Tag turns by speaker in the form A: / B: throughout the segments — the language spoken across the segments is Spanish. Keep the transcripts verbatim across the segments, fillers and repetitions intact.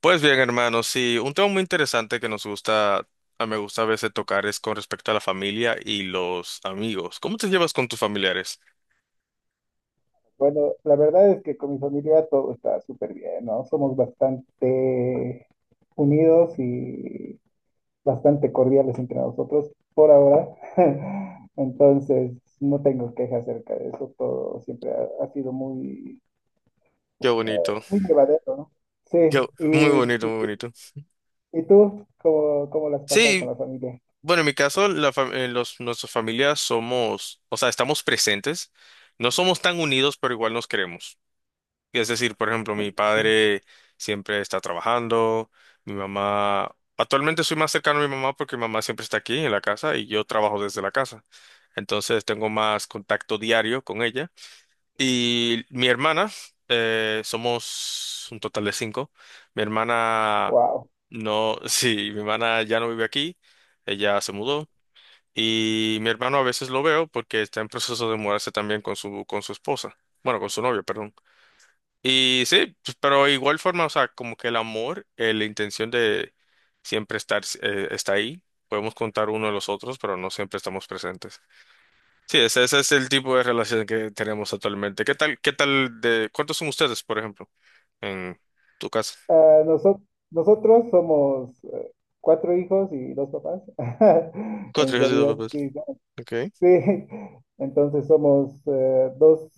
A: Pues bien, hermanos. Sí, un tema muy interesante que nos gusta, a me gusta a veces tocar es con respecto a la familia y los amigos. ¿Cómo te llevas con tus familiares?
B: Bueno, la verdad es que con mi familia todo está súper bien, ¿no? Somos bastante unidos y bastante cordiales entre nosotros por ahora. Entonces, no tengo quejas acerca de eso. Todo siempre ha, ha sido muy,
A: Qué bonito,
B: muy llevadero, ¿no? Sí,
A: qué-
B: y,
A: muy bonito, muy
B: y,
A: bonito.
B: y tú, ¿cómo, cómo lo has pasado con
A: Sí,
B: la familia?
A: bueno, en mi caso, la fam- eh, los, nuestras familias somos, o sea, estamos presentes, no somos tan unidos, pero igual nos queremos. Es decir, por ejemplo, mi padre siempre está trabajando, mi mamá, actualmente soy más cercano a mi mamá porque mi mamá siempre está aquí en la casa y yo trabajo desde la casa. Entonces tengo más contacto diario con ella. Y mi hermana, eh, somos un total de cinco. Mi hermana
B: Wow.
A: no, sí, mi hermana ya no vive aquí, ella se mudó. Y mi hermano a veces lo veo porque está en proceso de mudarse también con su, con su esposa, bueno, con su novio, perdón. Y sí, pues, pero igual forma, o sea, como que el amor, eh, la intención de siempre estar, eh, está ahí. Podemos contar uno de los otros, pero no siempre estamos presentes. Sí, ese, ese es el tipo de relación que tenemos actualmente. ¿Qué tal, qué tal de, Cuántos son ustedes, por ejemplo, en tu casa?
B: Ah, noso- Nosotros somos eh, cuatro hijos y dos papás.
A: Cuatro
B: En
A: hijos y dos
B: realidad,
A: papás.
B: sí,
A: Okay.
B: sí, entonces somos eh, dos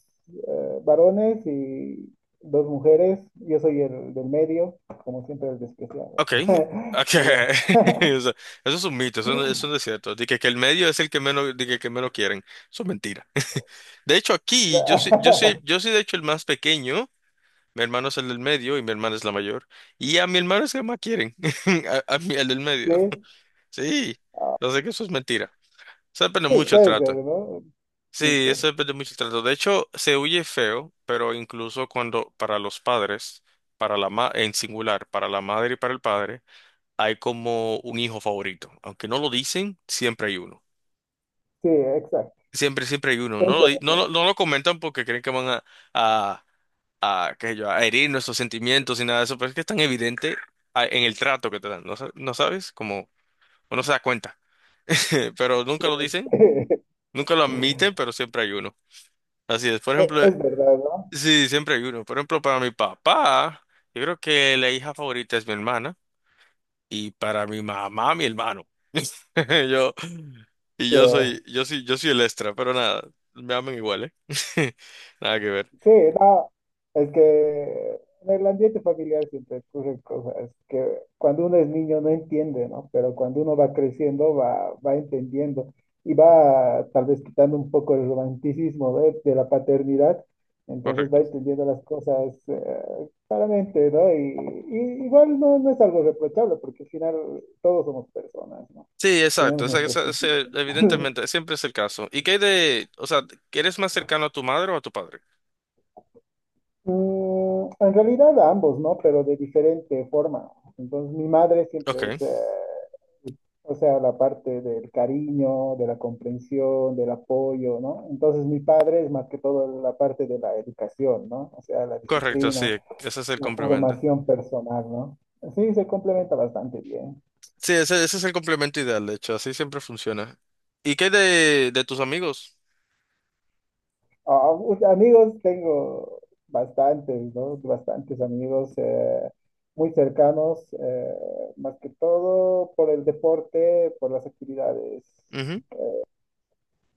B: eh, varones y dos mujeres. Yo soy el del medio, como siempre el despreciado.
A: Okay. Okay.
B: Pero
A: O sea, eso es un mito, eso no, eso no es cierto. Dije que, que el medio es el que menos, dije que que menos quieren. Eso es mentira. De hecho, aquí yo soy, yo soy, yo soy de hecho el más pequeño. Mi hermano es el del medio y mi hermana es la mayor. Y a mi hermano es que más quieren. A, a mí, el del
B: sí,
A: medio. Sí,
B: ah,
A: lo sé que eso es mentira. Eso depende
B: sí,
A: mucho el
B: puede ser,
A: trato.
B: ¿no?
A: Sí, eso
B: Mito.
A: depende mucho el trato. De hecho, se huye feo, pero incluso cuando para los padres, para la ma en singular, para la madre y para el padre, hay como un hijo favorito. Aunque no lo dicen, siempre hay uno.
B: Sí, exacto.
A: Siempre, siempre hay uno. No
B: Es
A: lo, di- no,
B: verdad.
A: lo no lo comentan porque creen que van a, a, qué sé yo, a herir nuestros sentimientos y nada de eso, pero es que es tan evidente a- en el trato que te dan, ¿no, sa- no sabes? Como uno se da cuenta, pero nunca lo dicen, nunca lo admiten, pero siempre hay uno. Así es, por ejemplo, eh,
B: Es verdad, ¿no?
A: sí, siempre hay uno. Por ejemplo, para mi papá, yo creo que la hija favorita es mi hermana y para mi mamá, mi hermano. Yo, y
B: Sí.
A: yo soy, yo soy, yo soy el extra, pero nada, me aman igual, ¿eh? Nada que ver.
B: Sí, no, es que en el ambiente familiar siempre ocurren cosas que cuando uno es niño no entiende, ¿no? Pero cuando uno va creciendo va, va entendiendo y va tal vez quitando un poco el romanticismo de, de la paternidad, entonces
A: Correcto.
B: va entendiendo las cosas eh, claramente, ¿no? Y, y igual no, no es algo reprochable porque al final todos somos personas, ¿no?
A: Sí, exacto,
B: Tenemos
A: esa-
B: nuestros
A: esa- ese-
B: sentidos.
A: evidentemente, siempre es el caso. ¿Y qué hay de, o sea, eres más cercano a tu madre o a tu padre?
B: Mm, en realidad a ambos, ¿no? Pero de diferente forma. Entonces, mi madre
A: Ok,
B: siempre es, eh, o sea, la parte del cariño, de la comprensión, del apoyo, ¿no? Entonces, mi padre es más que todo la parte de la educación, ¿no? O sea, la
A: correcto,
B: disciplina,
A: sí, ese es el
B: la
A: complemento.
B: formación personal, ¿no? Sí, se complementa bastante bien.
A: Sí, ese, ese es el complemento ideal, de hecho, así siempre funciona. ¿Y qué hay de, de tus amigos?
B: Ah, pues, amigos tengo bastantes, ¿no? Bastantes amigos eh, muy cercanos, eh, más que todo por el deporte, por las actividades
A: Ujú.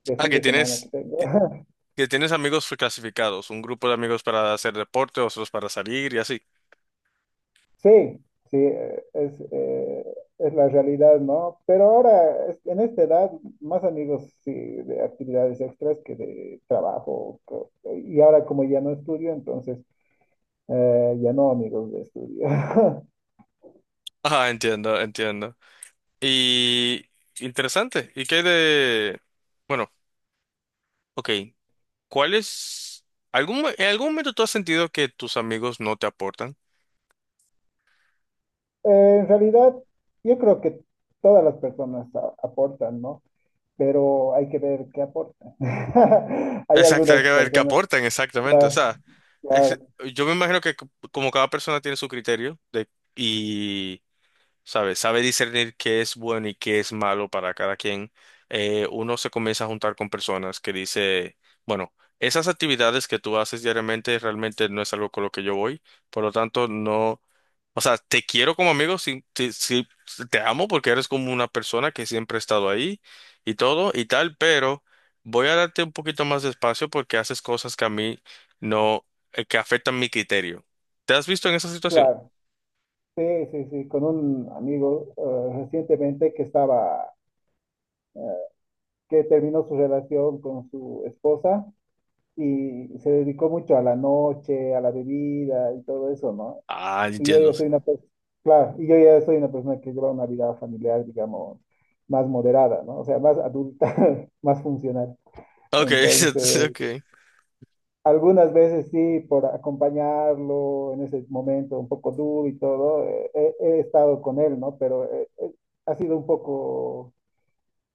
B: de
A: Ah,
B: fin
A: que
B: de semana que
A: tienes,
B: tengo.
A: que que tienes amigos clasificados, un grupo de amigos para hacer deporte, otros para salir y así.
B: Sí, sí, eh, es, eh, es la realidad, ¿no? Pero ahora, es- en esta edad, más amigos, sí, de actividades extras que de trabajo. co- Y ahora como ya no estudio, entonces eh, ya no amigos de estudio.
A: Ah, entiendo, entiendo. Y interesante, ¿y qué hay de, bueno, ok. ¿Cuál es? ¿Algún, mo- en algún momento tú has sentido que tus amigos no te aportan?
B: Eh, en realidad, yo creo que todas las personas a- aportan, ¿no? Pero hay que ver qué aportan. Hay
A: Exacto, hay
B: algunas
A: que ver qué
B: personas,
A: aportan exactamente. O
B: claro,
A: sea,
B: claro,
A: es- yo me imagino que c- como cada persona tiene su criterio de, y sabe, sabe discernir qué es bueno y qué es malo para cada quien, eh, uno se comienza a juntar con personas que dice, bueno, esas actividades que tú haces diariamente realmente no es algo con lo que yo voy, por lo tanto, no, o sea, te quiero como amigo, sí, sí, sí, te amo porque eres como una persona que siempre ha estado ahí y todo y tal, pero voy a darte un poquito más de espacio porque haces cosas que a mí no, eh, que afectan mi criterio. ¿Te has visto en esa situación?
B: claro. Sí, sí, sí, con un amigo eh, recientemente que estaba, eh, que terminó su relación con su esposa y se dedicó mucho a la noche, a la bebida y todo eso, ¿no?
A: Ah,
B: Y yo
A: entiendo,
B: ya soy
A: sí.
B: una persona, claro, y yo ya soy una persona que lleva una vida familiar, digamos, más moderada, ¿no? O sea, más adulta, más funcional.
A: Okay,
B: Entonces,
A: okay.
B: algunas veces sí, por acompañarlo en ese momento un poco duro y todo, eh, he, he estado con él, ¿no? Pero eh, eh, ha sido un poco,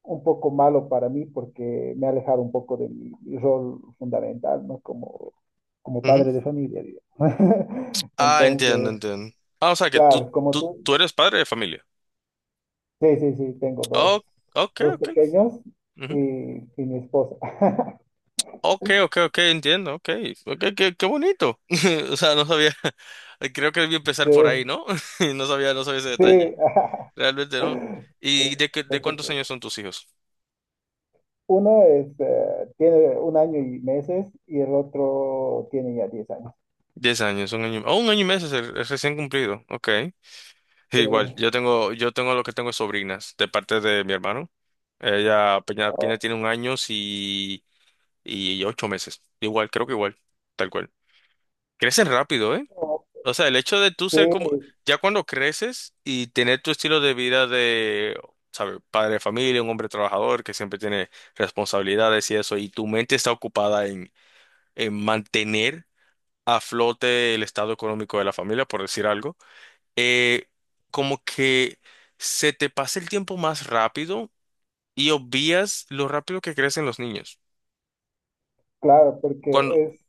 B: un poco malo para mí porque me ha alejado un poco de mi, mi rol fundamental, ¿no? Como, como
A: Ujú.
B: padre de familia, digamos.
A: Ah, entiendo,
B: Entonces,
A: entiendo. Ah, o sea que tú,
B: claro, como
A: tú,
B: tú,
A: tú eres padre de familia.
B: sí, sí, sí, tengo dos,
A: Oh, ok,
B: dos
A: ok.
B: pequeños y,
A: Ujú.
B: y mi esposa.
A: Ok, ok, ok, entiendo, ok. Ok, qué, qué bonito. O sea, no sabía. Creo que debí empezar
B: Sí,
A: por ahí, ¿no? No sabía, no sabía ese detalle.
B: sí.
A: Realmente no.
B: Sí,
A: ¿Y de, qué-
B: no
A: de
B: te
A: cuántos años
B: preocupes.
A: son tus hijos?
B: Uno es, eh, tiene un año y meses y el otro tiene ya diez años.
A: Diez años, un año. Oh, un año y meses, es es recién cumplido. Ok. Sí,
B: Sí,
A: igual, yo tengo, yo tengo lo que tengo es sobrinas de parte de mi hermano. Ella apenas
B: oh,
A: apenas tiene un año y, y ocho meses. Igual, creo que igual, tal cual. Crecen rápido, ¿eh?
B: oh,
A: O sea, el hecho de tú
B: sí,
A: ser como, ya cuando creces y tener tu estilo de vida de, ¿sabes? Padre de familia, un hombre trabajador que siempre tiene responsabilidades y eso, y tu mente está ocupada eh, mantener a flote el estado económico de la familia, por decir algo, eh, como que se te pasa el tiempo más rápido y obvias lo rápido que crecen los niños.
B: claro, porque
A: Cuando,
B: es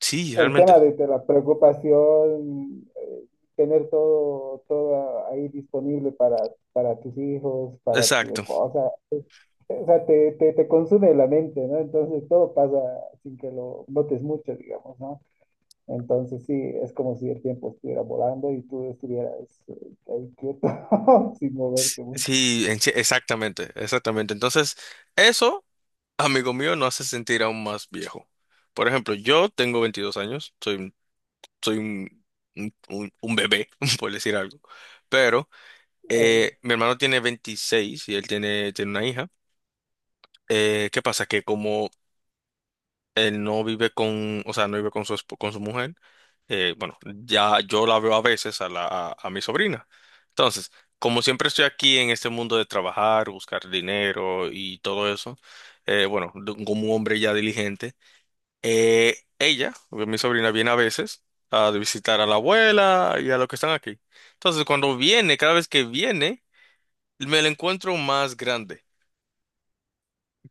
A: sí,
B: el
A: realmente.
B: tema de, de la preocupación, eh, tener todo, todo ahí disponible para, para tus hijos, para tu
A: Exacto.
B: esposa. O sea, te, te, te consume la mente, ¿no? Entonces todo pasa sin que lo notes mucho, digamos, ¿no? Entonces sí, es como si el tiempo estuviera volando y tú estuvieras eh, ahí quieto, sin moverte mucho.
A: Sí, en sí- exactamente, exactamente. Entonces, eso, amigo mío, no hace sentir aún más viejo. Por ejemplo, yo tengo 22 años, soy, un- soy un, un, un- un bebé, por decir algo, pero
B: Eh,
A: Eh, mi hermano tiene veintiséis y él tiene, tiene una hija. Eh, ¿qué pasa? Que como él no vive con, o sea, no vive con su, esp- con su mujer, eh, bueno, ya yo la veo a veces a, la, a, a mi sobrina. Entonces, como siempre estoy aquí en este mundo de trabajar, buscar dinero y todo eso, eh, bueno, de- como un hombre ya diligente, eh, ella, mi sobrina, viene a veces a visitar a la abuela y a los que están aquí. Entonces, cuando viene, cada vez que viene, me la encuentro más grande.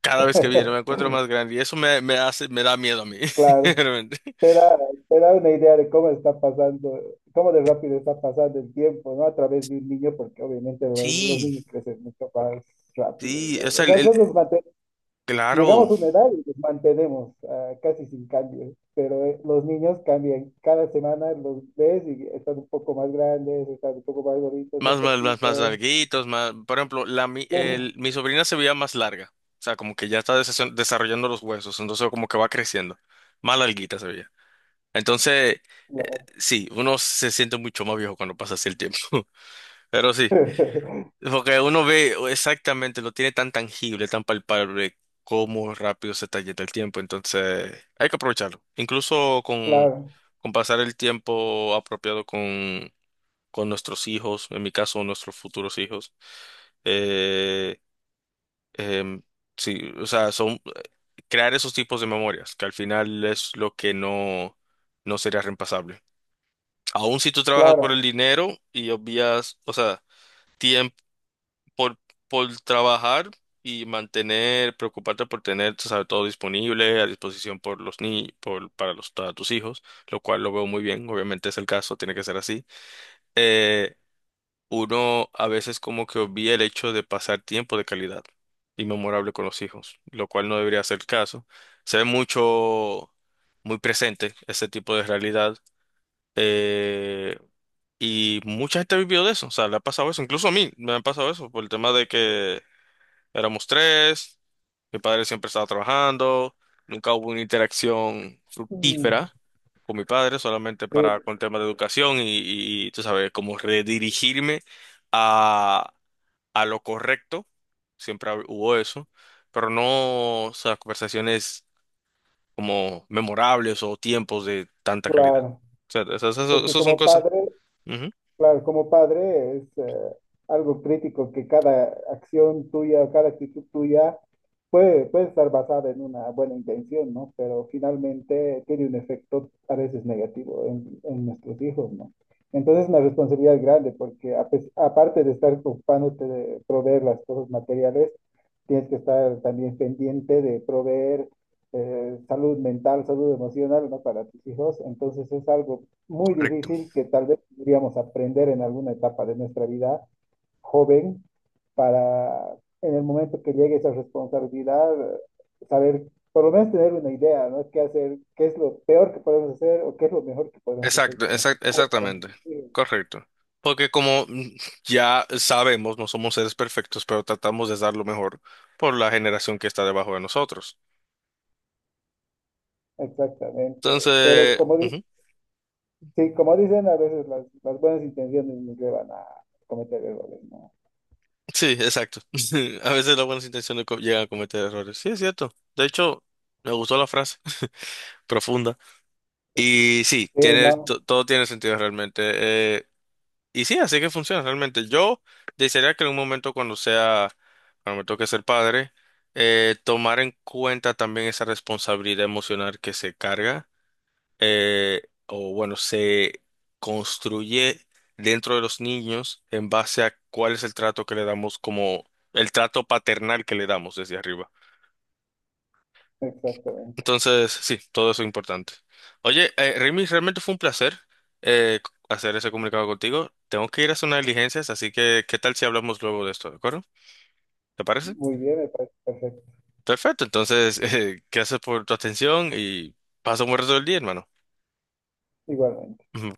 A: Cada vez que viene me encuentro más grande y eso me, me hace, me da miedo a mí,
B: Claro,
A: realmente.
B: te da, te da una idea de cómo está pasando, cómo de rápido está pasando el tiempo, ¿no? A través de un niño, porque obviamente lo- los
A: Sí,
B: niños crecen mucho más rápido,
A: sí,
B: digamos.
A: es
B: O
A: el,
B: sea,
A: el-
B: nosotros
A: claro,
B: llegamos a una edad y los mantenemos ah, casi sin cambios, pero eh, los niños cambian. Cada semana los ves y están un poco más grandes, están un poco más gorditos, más
A: más, más, más, más
B: poquitos.
A: larguitos, más, por ejemplo, la, mi,
B: Sí,
A: el- mi sobrina se veía más larga, o sea, como que ya está desa- desarrollando los huesos, entonces como que va creciendo, más larguita se veía. Entonces, eh,
B: claro,
A: sí, uno se siente mucho más viejo cuando pasa así el tiempo, pero sí. Porque uno ve exactamente, lo tiene tan tangible, tan palpable, cómo rápido se talleta el tiempo. Entonces, hay que aprovecharlo. Incluso con,
B: claro,
A: con pasar el tiempo apropiado con, con nuestros hijos, en mi caso, nuestros futuros hijos. Eh, em, sí, o sea, son crear esos tipos de memorias, que al final es lo que no, no sería reemplazable. Aún si tú trabajas por
B: claro.
A: el dinero y obvias, o sea, tiempo por, por trabajar y mantener, preocuparte por tener, tú sabes, todo disponible a disposición por los ni por, para los, para tus hijos, lo cual lo veo muy bien, obviamente es el caso, tiene que ser así. Eh, uno a veces como que obvia el hecho de pasar tiempo de calidad y memorable con los hijos, lo cual no debería ser el caso. Se ve mucho, muy presente ese tipo de realidad. Eh, y mucha gente ha vivido de eso, o sea, le ha pasado eso, incluso a mí me ha pasado eso por el tema de que éramos tres, mi padre siempre estaba trabajando, nunca hubo una interacción
B: Mm,
A: fructífera con mi padre, solamente
B: sí,
A: para con temas de educación y, y, tú sabes, como redirigirme a, a lo correcto, siempre hab- hubo eso, pero no, o sea, conversaciones como memorables o tiempos de tanta calidad. O
B: claro.
A: sea, esas,
B: Es
A: esas-
B: que
A: esas son
B: como
A: cosas.
B: padre,
A: Ujú.
B: claro, como padre es eh, algo crítico que cada acción tuya, cada actitud tuya puede, puede estar basada en una buena intención, ¿no? Pero finalmente tiene un efecto a veces negativo en, en nuestros hijos, ¿no? Entonces es una responsabilidad grande porque a pes- aparte de estar ocupándote de proveer las cosas materiales, tienes que estar también pendiente de proveer eh, salud mental, salud emocional, ¿no? Para tus hijos. Entonces es algo muy
A: Correcto.
B: difícil que tal vez podríamos aprender en alguna etapa de nuestra vida joven para en el momento que llegue esa responsabilidad, saber, por lo menos tener una idea, ¿no? ¿Qué hacer? ¿Qué es lo peor que podemos hacer o qué es lo mejor que podemos hacer
A: Exacto,
B: con esto?
A: exact- exactamente. Correcto. Porque como mm, ya sabemos, no somos seres perfectos, pero tratamos de dar lo mejor por la generación que está debajo de nosotros.
B: Exactamente. Pero
A: Entonces,
B: como, di-
A: ujú.
B: sí, como dicen, a veces las, las buenas intenciones nos llevan a cometer errores, ¿no?
A: Sí, exacto. A veces las buenas intenciones co- llegan a cometer errores. Sí, es cierto. De hecho, me gustó la frase profunda. Y sí,
B: Sí,
A: tiene,
B: no,
A: to- todo tiene sentido realmente. Eh, Y sí, así que funciona realmente. Yo desearía que en un momento cuando sea, cuando me toque ser padre, eh, tomar en cuenta también esa responsabilidad emocional que se carga, eh, o bueno, se construye dentro de los niños en base a cuál es el trato que le damos como el trato paternal que le damos desde arriba.
B: exactamente.
A: Entonces, sí, todo eso es importante. Oye, eh, Remy, realmente fue un placer eh, c- hacer ese comunicado contigo. Tengo que ir a hacer unas diligencias, así que ¿qué tal si hablamos luego de esto? ¿De acuerdo? ¿Te parece?
B: Muy bien, me parece perfecto.
A: Perfecto, entonces, eh, gracias por tu atención y pasa un buen resto del día, hermano.
B: Igualmente.
A: Ujú.